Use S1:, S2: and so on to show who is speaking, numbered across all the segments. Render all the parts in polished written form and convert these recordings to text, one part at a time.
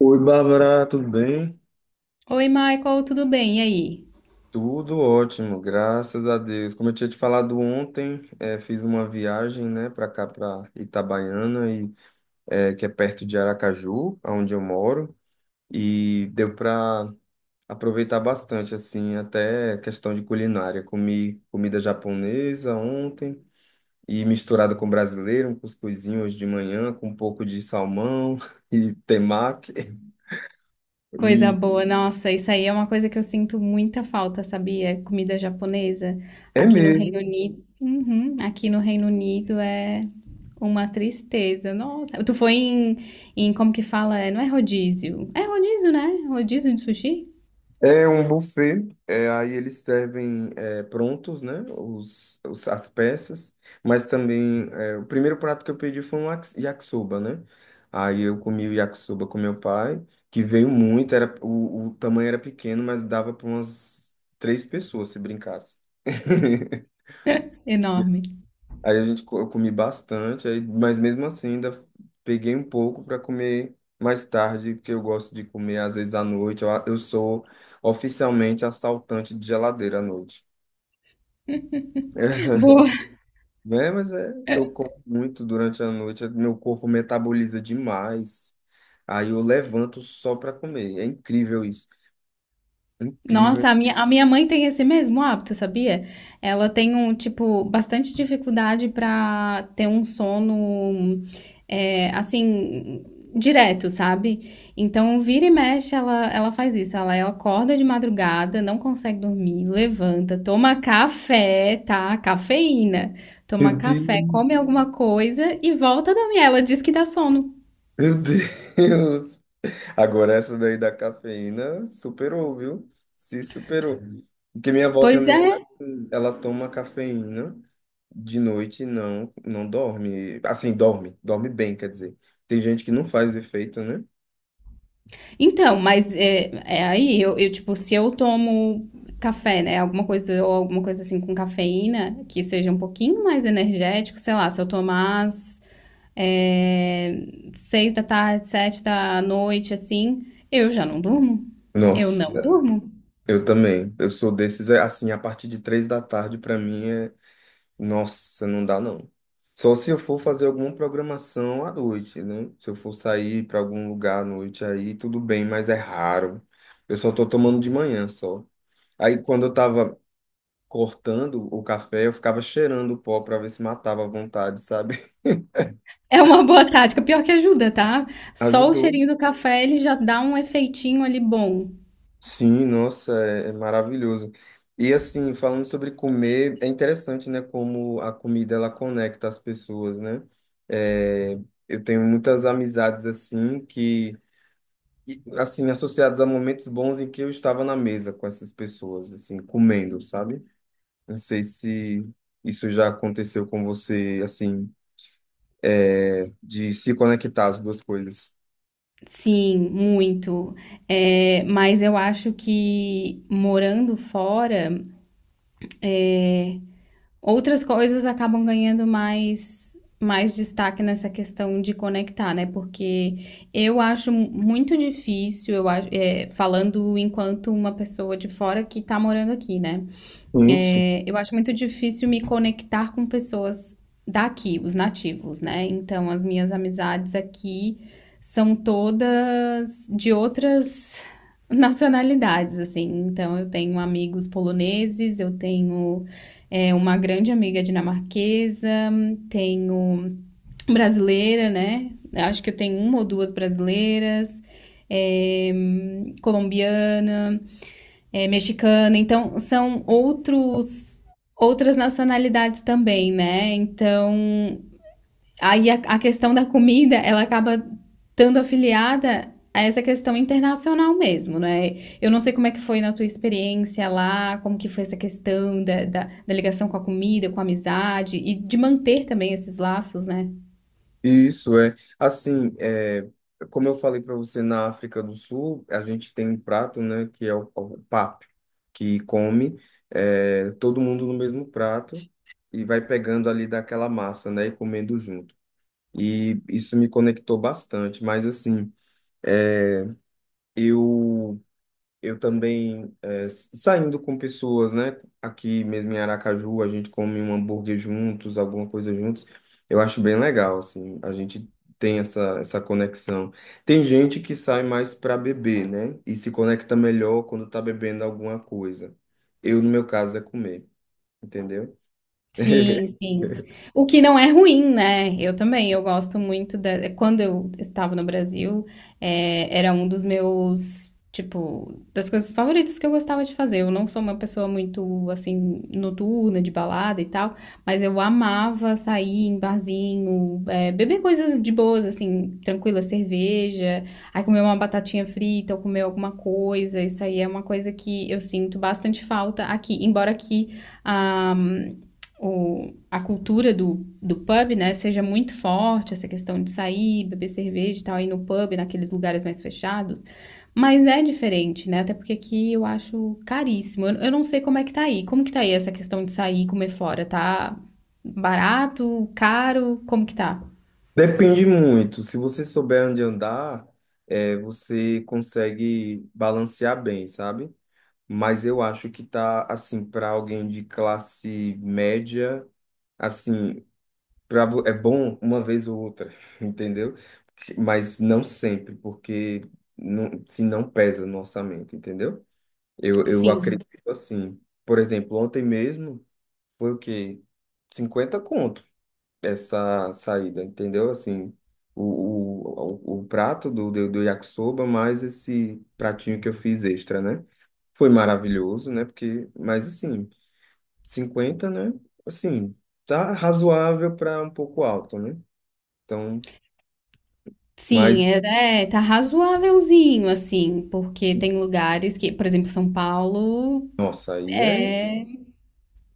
S1: Oi, Bárbara, tudo bem?
S2: Oi, Michael, tudo bem? E aí?
S1: Tudo ótimo, graças a Deus. Como eu tinha te falado ontem, fiz uma viagem, né, para cá, para Itabaiana, e, que é perto de Aracaju, onde eu moro, e deu para aproveitar bastante, assim, até questão de culinária. Comi comida japonesa ontem, e misturada com brasileiro, um cuscuzinho hoje de manhã, com um pouco de salmão e temaki.
S2: Coisa
S1: E
S2: boa, nossa, isso aí é uma coisa que eu sinto muita falta, sabia? Comida japonesa
S1: é
S2: aqui no Reino
S1: mesmo.
S2: Unido. Uhum, aqui no Reino Unido é uma tristeza. Nossa, tu foi em, em como que fala? Não é rodízio? É rodízio, né? Rodízio de sushi?
S1: É um buffet, é, aí eles servem é, prontos, né? As peças, mas também é, o primeiro prato que eu pedi foi um yakisoba, né? Aí eu comi o yakisoba com meu pai, que veio muito, era, o tamanho era pequeno, mas dava para umas três pessoas se brincasse.
S2: Enorme.
S1: Aí a gente, eu comi bastante, aí, mas mesmo assim ainda peguei um pouco para comer mais tarde, porque eu gosto de comer às vezes à noite. Eu, eu sou oficialmente assaltante de geladeira à noite.
S2: Boa.
S1: É, mas é, eu como muito durante a noite, meu corpo metaboliza demais. Aí eu levanto só para comer. É incrível isso. Incrível.
S2: Nossa, a minha mãe tem esse mesmo hábito, sabia? Ela tem um, tipo, bastante dificuldade pra ter um sono, é, assim, direto, sabe? Então, vira e mexe, ela faz isso. Ela acorda de madrugada, não consegue dormir, levanta, toma café, tá? Cafeína. Toma
S1: Meu
S2: café,
S1: Deus,
S2: come alguma coisa e volta a dormir. Ela diz que dá sono.
S1: meu Deus. Agora essa daí da cafeína superou, viu? Se superou. Porque minha avó
S2: Pois
S1: também, ela,
S2: é.
S1: ela toma cafeína de noite e não dorme. Assim, dorme, dorme bem, quer dizer. Tem gente que não faz efeito, né?
S2: Então, mas é, é aí eu, tipo, se eu tomo café, né? Alguma coisa, ou alguma coisa assim com cafeína, que seja um pouquinho mais energético, sei lá, se eu tomar às é, seis da tarde, sete da noite, assim, eu já não durmo. Eu não
S1: Nossa,
S2: durmo.
S1: eu também. Eu sou desses, é, assim, a partir de três da tarde, pra mim, é. Nossa, não dá não. Só se eu for fazer alguma programação à noite, né? Se eu for sair para algum lugar à noite, aí tudo bem, mas é raro. Eu só tô tomando de manhã só. Aí quando eu tava cortando o café, eu ficava cheirando o pó para ver se matava à vontade, sabe?
S2: É uma boa tática, pior que ajuda, tá? Só o
S1: Ajudou.
S2: cheirinho do café, ele já dá um efeitinho ali bom.
S1: Sim, nossa, é, é maravilhoso. E assim, falando sobre comer, é interessante, né, como a comida ela conecta as pessoas, né? É, eu tenho muitas amizades assim que e, assim, associados a momentos bons em que eu estava na mesa com essas pessoas, assim, comendo, sabe? Não sei se isso já aconteceu com você, assim, de se conectar as duas coisas.
S2: Sim, muito. É, mas eu acho que morando fora. Outras coisas acabam ganhando mais destaque nessa questão de conectar, né? Porque eu acho muito difícil, eu acho, é, falando enquanto uma pessoa de fora que tá morando aqui, né?
S1: Isso.
S2: É, eu acho muito difícil me conectar com pessoas daqui, os nativos, né? Então, as minhas amizades aqui são todas de outras nacionalidades, assim. Então, eu tenho amigos poloneses, eu tenho é, uma grande amiga dinamarquesa, tenho brasileira, né? Acho que eu tenho uma ou duas brasileiras, é, colombiana é, mexicano. Então, são outros outras nacionalidades também, né? Então, aí a questão da comida, ela acaba estando afiliada a essa questão internacional mesmo, né? Eu não sei como é que foi na tua experiência lá, como que foi essa questão da ligação com a comida, com a amizade e de manter também esses laços, né?
S1: Isso é, assim, é, como eu falei para você, na África do Sul, a gente tem um prato, né, que é o pap, que come é, todo mundo no mesmo prato e vai pegando ali daquela massa, né, e comendo junto. E isso me conectou bastante, mas assim, Eu, eu também, é, saindo com pessoas, né? Aqui mesmo em Aracaju, a gente come um hambúrguer juntos, alguma coisa juntos. Eu acho bem legal, assim, a gente tem essa, essa conexão. Tem gente que sai mais para beber, né? E se conecta melhor quando tá bebendo alguma coisa. Eu, no meu caso, é comer, entendeu?
S2: Sim, sim. O que não é ruim, né. Eu também, eu gosto muito da quando eu estava no Brasil, era um dos meus, tipo, das coisas favoritas que eu gostava de fazer. Eu não sou uma pessoa muito, assim, noturna, de balada e tal, mas eu amava sair em barzinho, beber coisas de boas, assim, tranquila cerveja, aí comer uma batatinha frita ou comer alguma coisa. Isso aí é uma coisa que eu sinto bastante falta aqui, embora aqui, ah a cultura do pub, né, seja muito forte, essa questão de sair, beber cerveja e tal, ir no pub, naqueles lugares mais fechados. Mas é diferente, né? Até porque aqui eu acho caríssimo. Eu não sei como é que tá aí. Como que tá aí essa questão de sair e comer fora? Tá barato, caro? Como que tá?
S1: Depende muito. Se você souber onde andar, é, você consegue balancear bem, sabe? Mas eu acho que tá assim para alguém de classe média, assim, pra, é bom uma vez ou outra, entendeu? Mas não sempre, porque não, se não pesa no orçamento, entendeu? Eu
S2: Sim.
S1: acredito assim. Por exemplo, ontem mesmo foi o quê? 50 conto essa saída, entendeu? Assim, o, o prato do, do, do yakisoba mais esse pratinho que eu fiz extra, né? Foi maravilhoso, né? Porque, mas assim, cinquenta, né? Assim, tá razoável para um pouco alto, né? Então, mas,
S2: Sim, é, é, tá razoávelzinho, assim, porque
S1: assim,
S2: tem lugares que, por exemplo, São Paulo,
S1: nossa, aí é.
S2: é.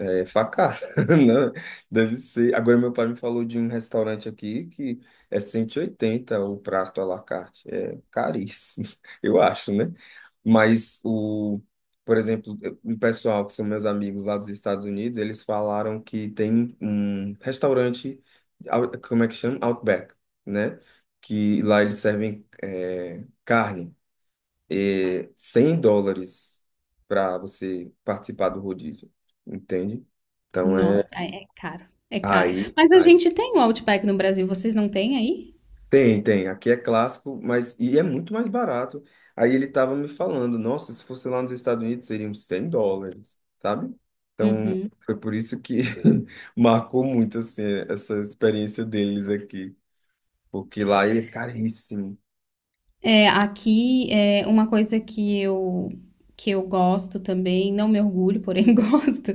S1: É facada, né? Deve ser. Agora, meu pai me falou de um restaurante aqui que é 180 o prato à la carte. É caríssimo, eu acho, né? Mas, o, por exemplo, o pessoal que são meus amigos lá dos Estados Unidos, eles falaram que tem um restaurante, como é que chama? Outback, né? Que lá eles servem é, carne é, 100 dólares para você participar do rodízio, entende? Então é
S2: Nossa, é, é caro, é caro.
S1: aí,
S2: Mas a
S1: aí
S2: gente tem o Outback no Brasil, vocês não têm aí?
S1: tem, tem, aqui é clássico, mas e é muito mais barato. Aí ele tava me falando, nossa, se fosse lá nos Estados Unidos seriam US$ 100, sabe? Então
S2: Uhum.
S1: foi por isso que marcou muito assim essa experiência deles aqui, porque lá ele é caríssimo.
S2: É, aqui é uma coisa que eu gosto também, não me orgulho, porém gosto,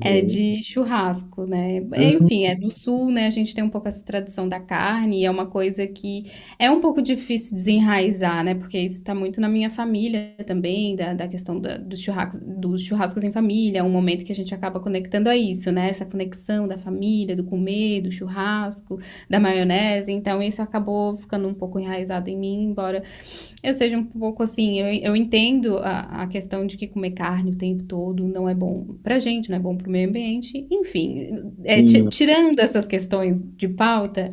S2: é de churrasco, né? Enfim, é do sul, né? A gente tem um pouco essa tradição da carne, e é uma coisa que é um pouco difícil desenraizar, né? Porque isso está muito na minha família também, da questão da- dos churrascos em família, é um momento que a gente acaba conectando a isso, né? Essa conexão da família, do comer, do churrasco, da maionese. Então, isso acabou ficando um pouco enraizado em mim, embora eu seja um pouco assim, eu entendo a questão de que comer carne o tempo todo não é bom pra gente, não é bom pro meio ambiente, enfim, é, ti-
S1: Hum,
S2: tirando essas questões de pauta,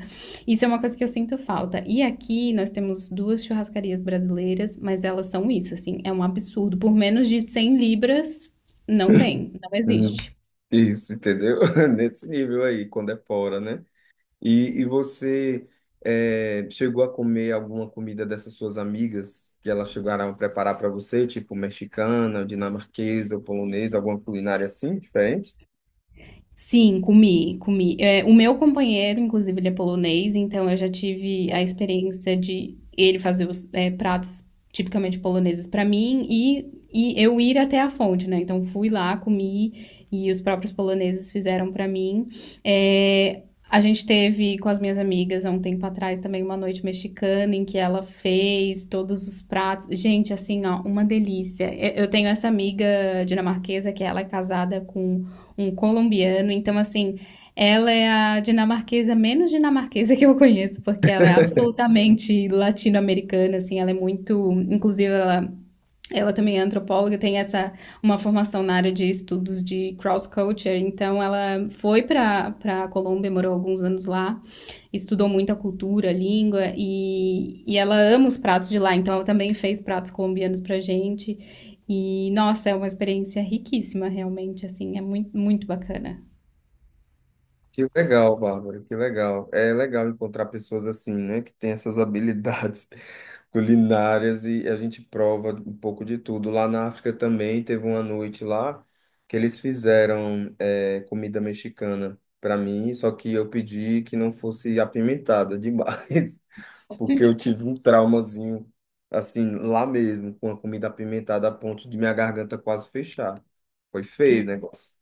S2: isso é uma coisa que eu sinto falta. E aqui nós temos duas churrascarias brasileiras, mas elas são isso, assim, é um absurdo. Por menos de 100 libras, não tem, não
S1: hum.
S2: existe.
S1: Isso, entendeu? Nesse nível aí, quando é fora, né? E você chegou a comer alguma comida dessas suas amigas que elas chegaram a preparar para você, tipo mexicana, dinamarquesa, polonesa, alguma culinária assim, diferente?
S2: Sim, comi, comi. É, o meu companheiro, inclusive, ele é polonês, então eu já tive a experiência de ele fazer os é, pratos tipicamente poloneses para mim e eu ir até a fonte, né? Então fui lá, comi e os próprios poloneses fizeram para mim. É, a gente teve com as minhas amigas há um tempo atrás também uma noite mexicana em que ela fez todos os pratos. Gente, assim, ó, uma delícia. Eu tenho essa amiga dinamarquesa que ela é casada com um colombiano. Então, assim, ela é a dinamarquesa menos dinamarquesa que eu conheço, porque ela é absolutamente latino-americana, assim, ela é muito, inclusive ela também é antropóloga, tem essa uma formação na área de estudos de cross culture, então ela foi para a Colômbia, morou alguns anos lá, estudou muito a cultura, a língua e ela ama os pratos de lá, então ela também fez pratos colombianos pra gente. E nossa, é uma experiência riquíssima, realmente, assim, é muito, muito bacana.
S1: Que legal, Bárbara, que legal. É legal encontrar pessoas assim, né, que têm essas habilidades culinárias e a gente prova um pouco de tudo. Lá na África também teve uma noite lá que eles fizeram é, comida mexicana para mim, só que eu pedi que não fosse apimentada demais, porque eu tive um traumazinho assim lá mesmo com a comida apimentada a ponto de minha garganta quase fechar. Foi feio o negócio.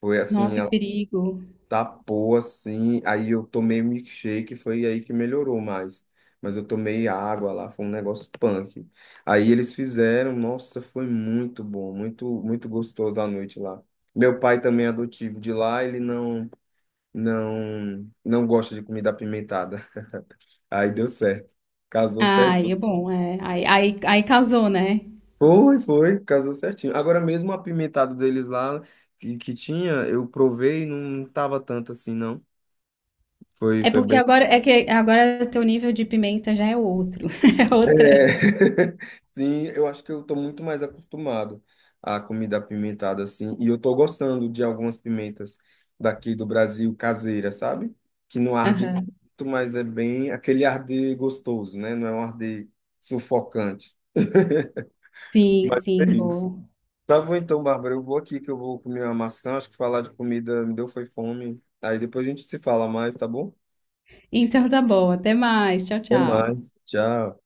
S1: Foi assim,
S2: Nossa, que perigo.
S1: tapou assim, aí eu tomei um milkshake, foi aí que melhorou mais. Mas eu tomei água lá, foi um negócio punk. Aí eles fizeram, nossa, foi muito bom, muito muito gostoso a noite lá. Meu pai também é adotivo de lá, ele não gosta de comida apimentada. Aí deu certo. Casou certo.
S2: Ai, é bom, é. Aí, aí, aí causou, né?
S1: Foi, foi, casou certinho. Agora mesmo o apimentado deles lá que tinha, eu provei e não tava tanto assim, não. Foi,
S2: É
S1: foi
S2: porque
S1: bem.
S2: agora é que agora teu nível de pimenta já é outro, é
S1: É,
S2: outra.
S1: sim, eu acho que eu tô muito mais acostumado à comida apimentada, assim, e eu tô gostando de algumas pimentas daqui do Brasil, caseira, sabe? Que não arde
S2: Aham.
S1: tanto, mas é bem aquele arde gostoso, né? Não é um arde sufocante.
S2: Sim,
S1: É
S2: sim,
S1: isso.
S2: boa.
S1: Tá bom então, Bárbara, eu vou aqui que eu vou comer uma maçã, acho que falar de comida me deu foi fome. Aí depois a gente se fala mais, tá bom?
S2: Então tá bom, até mais. Tchau,
S1: Até
S2: tchau.
S1: mais, tchau.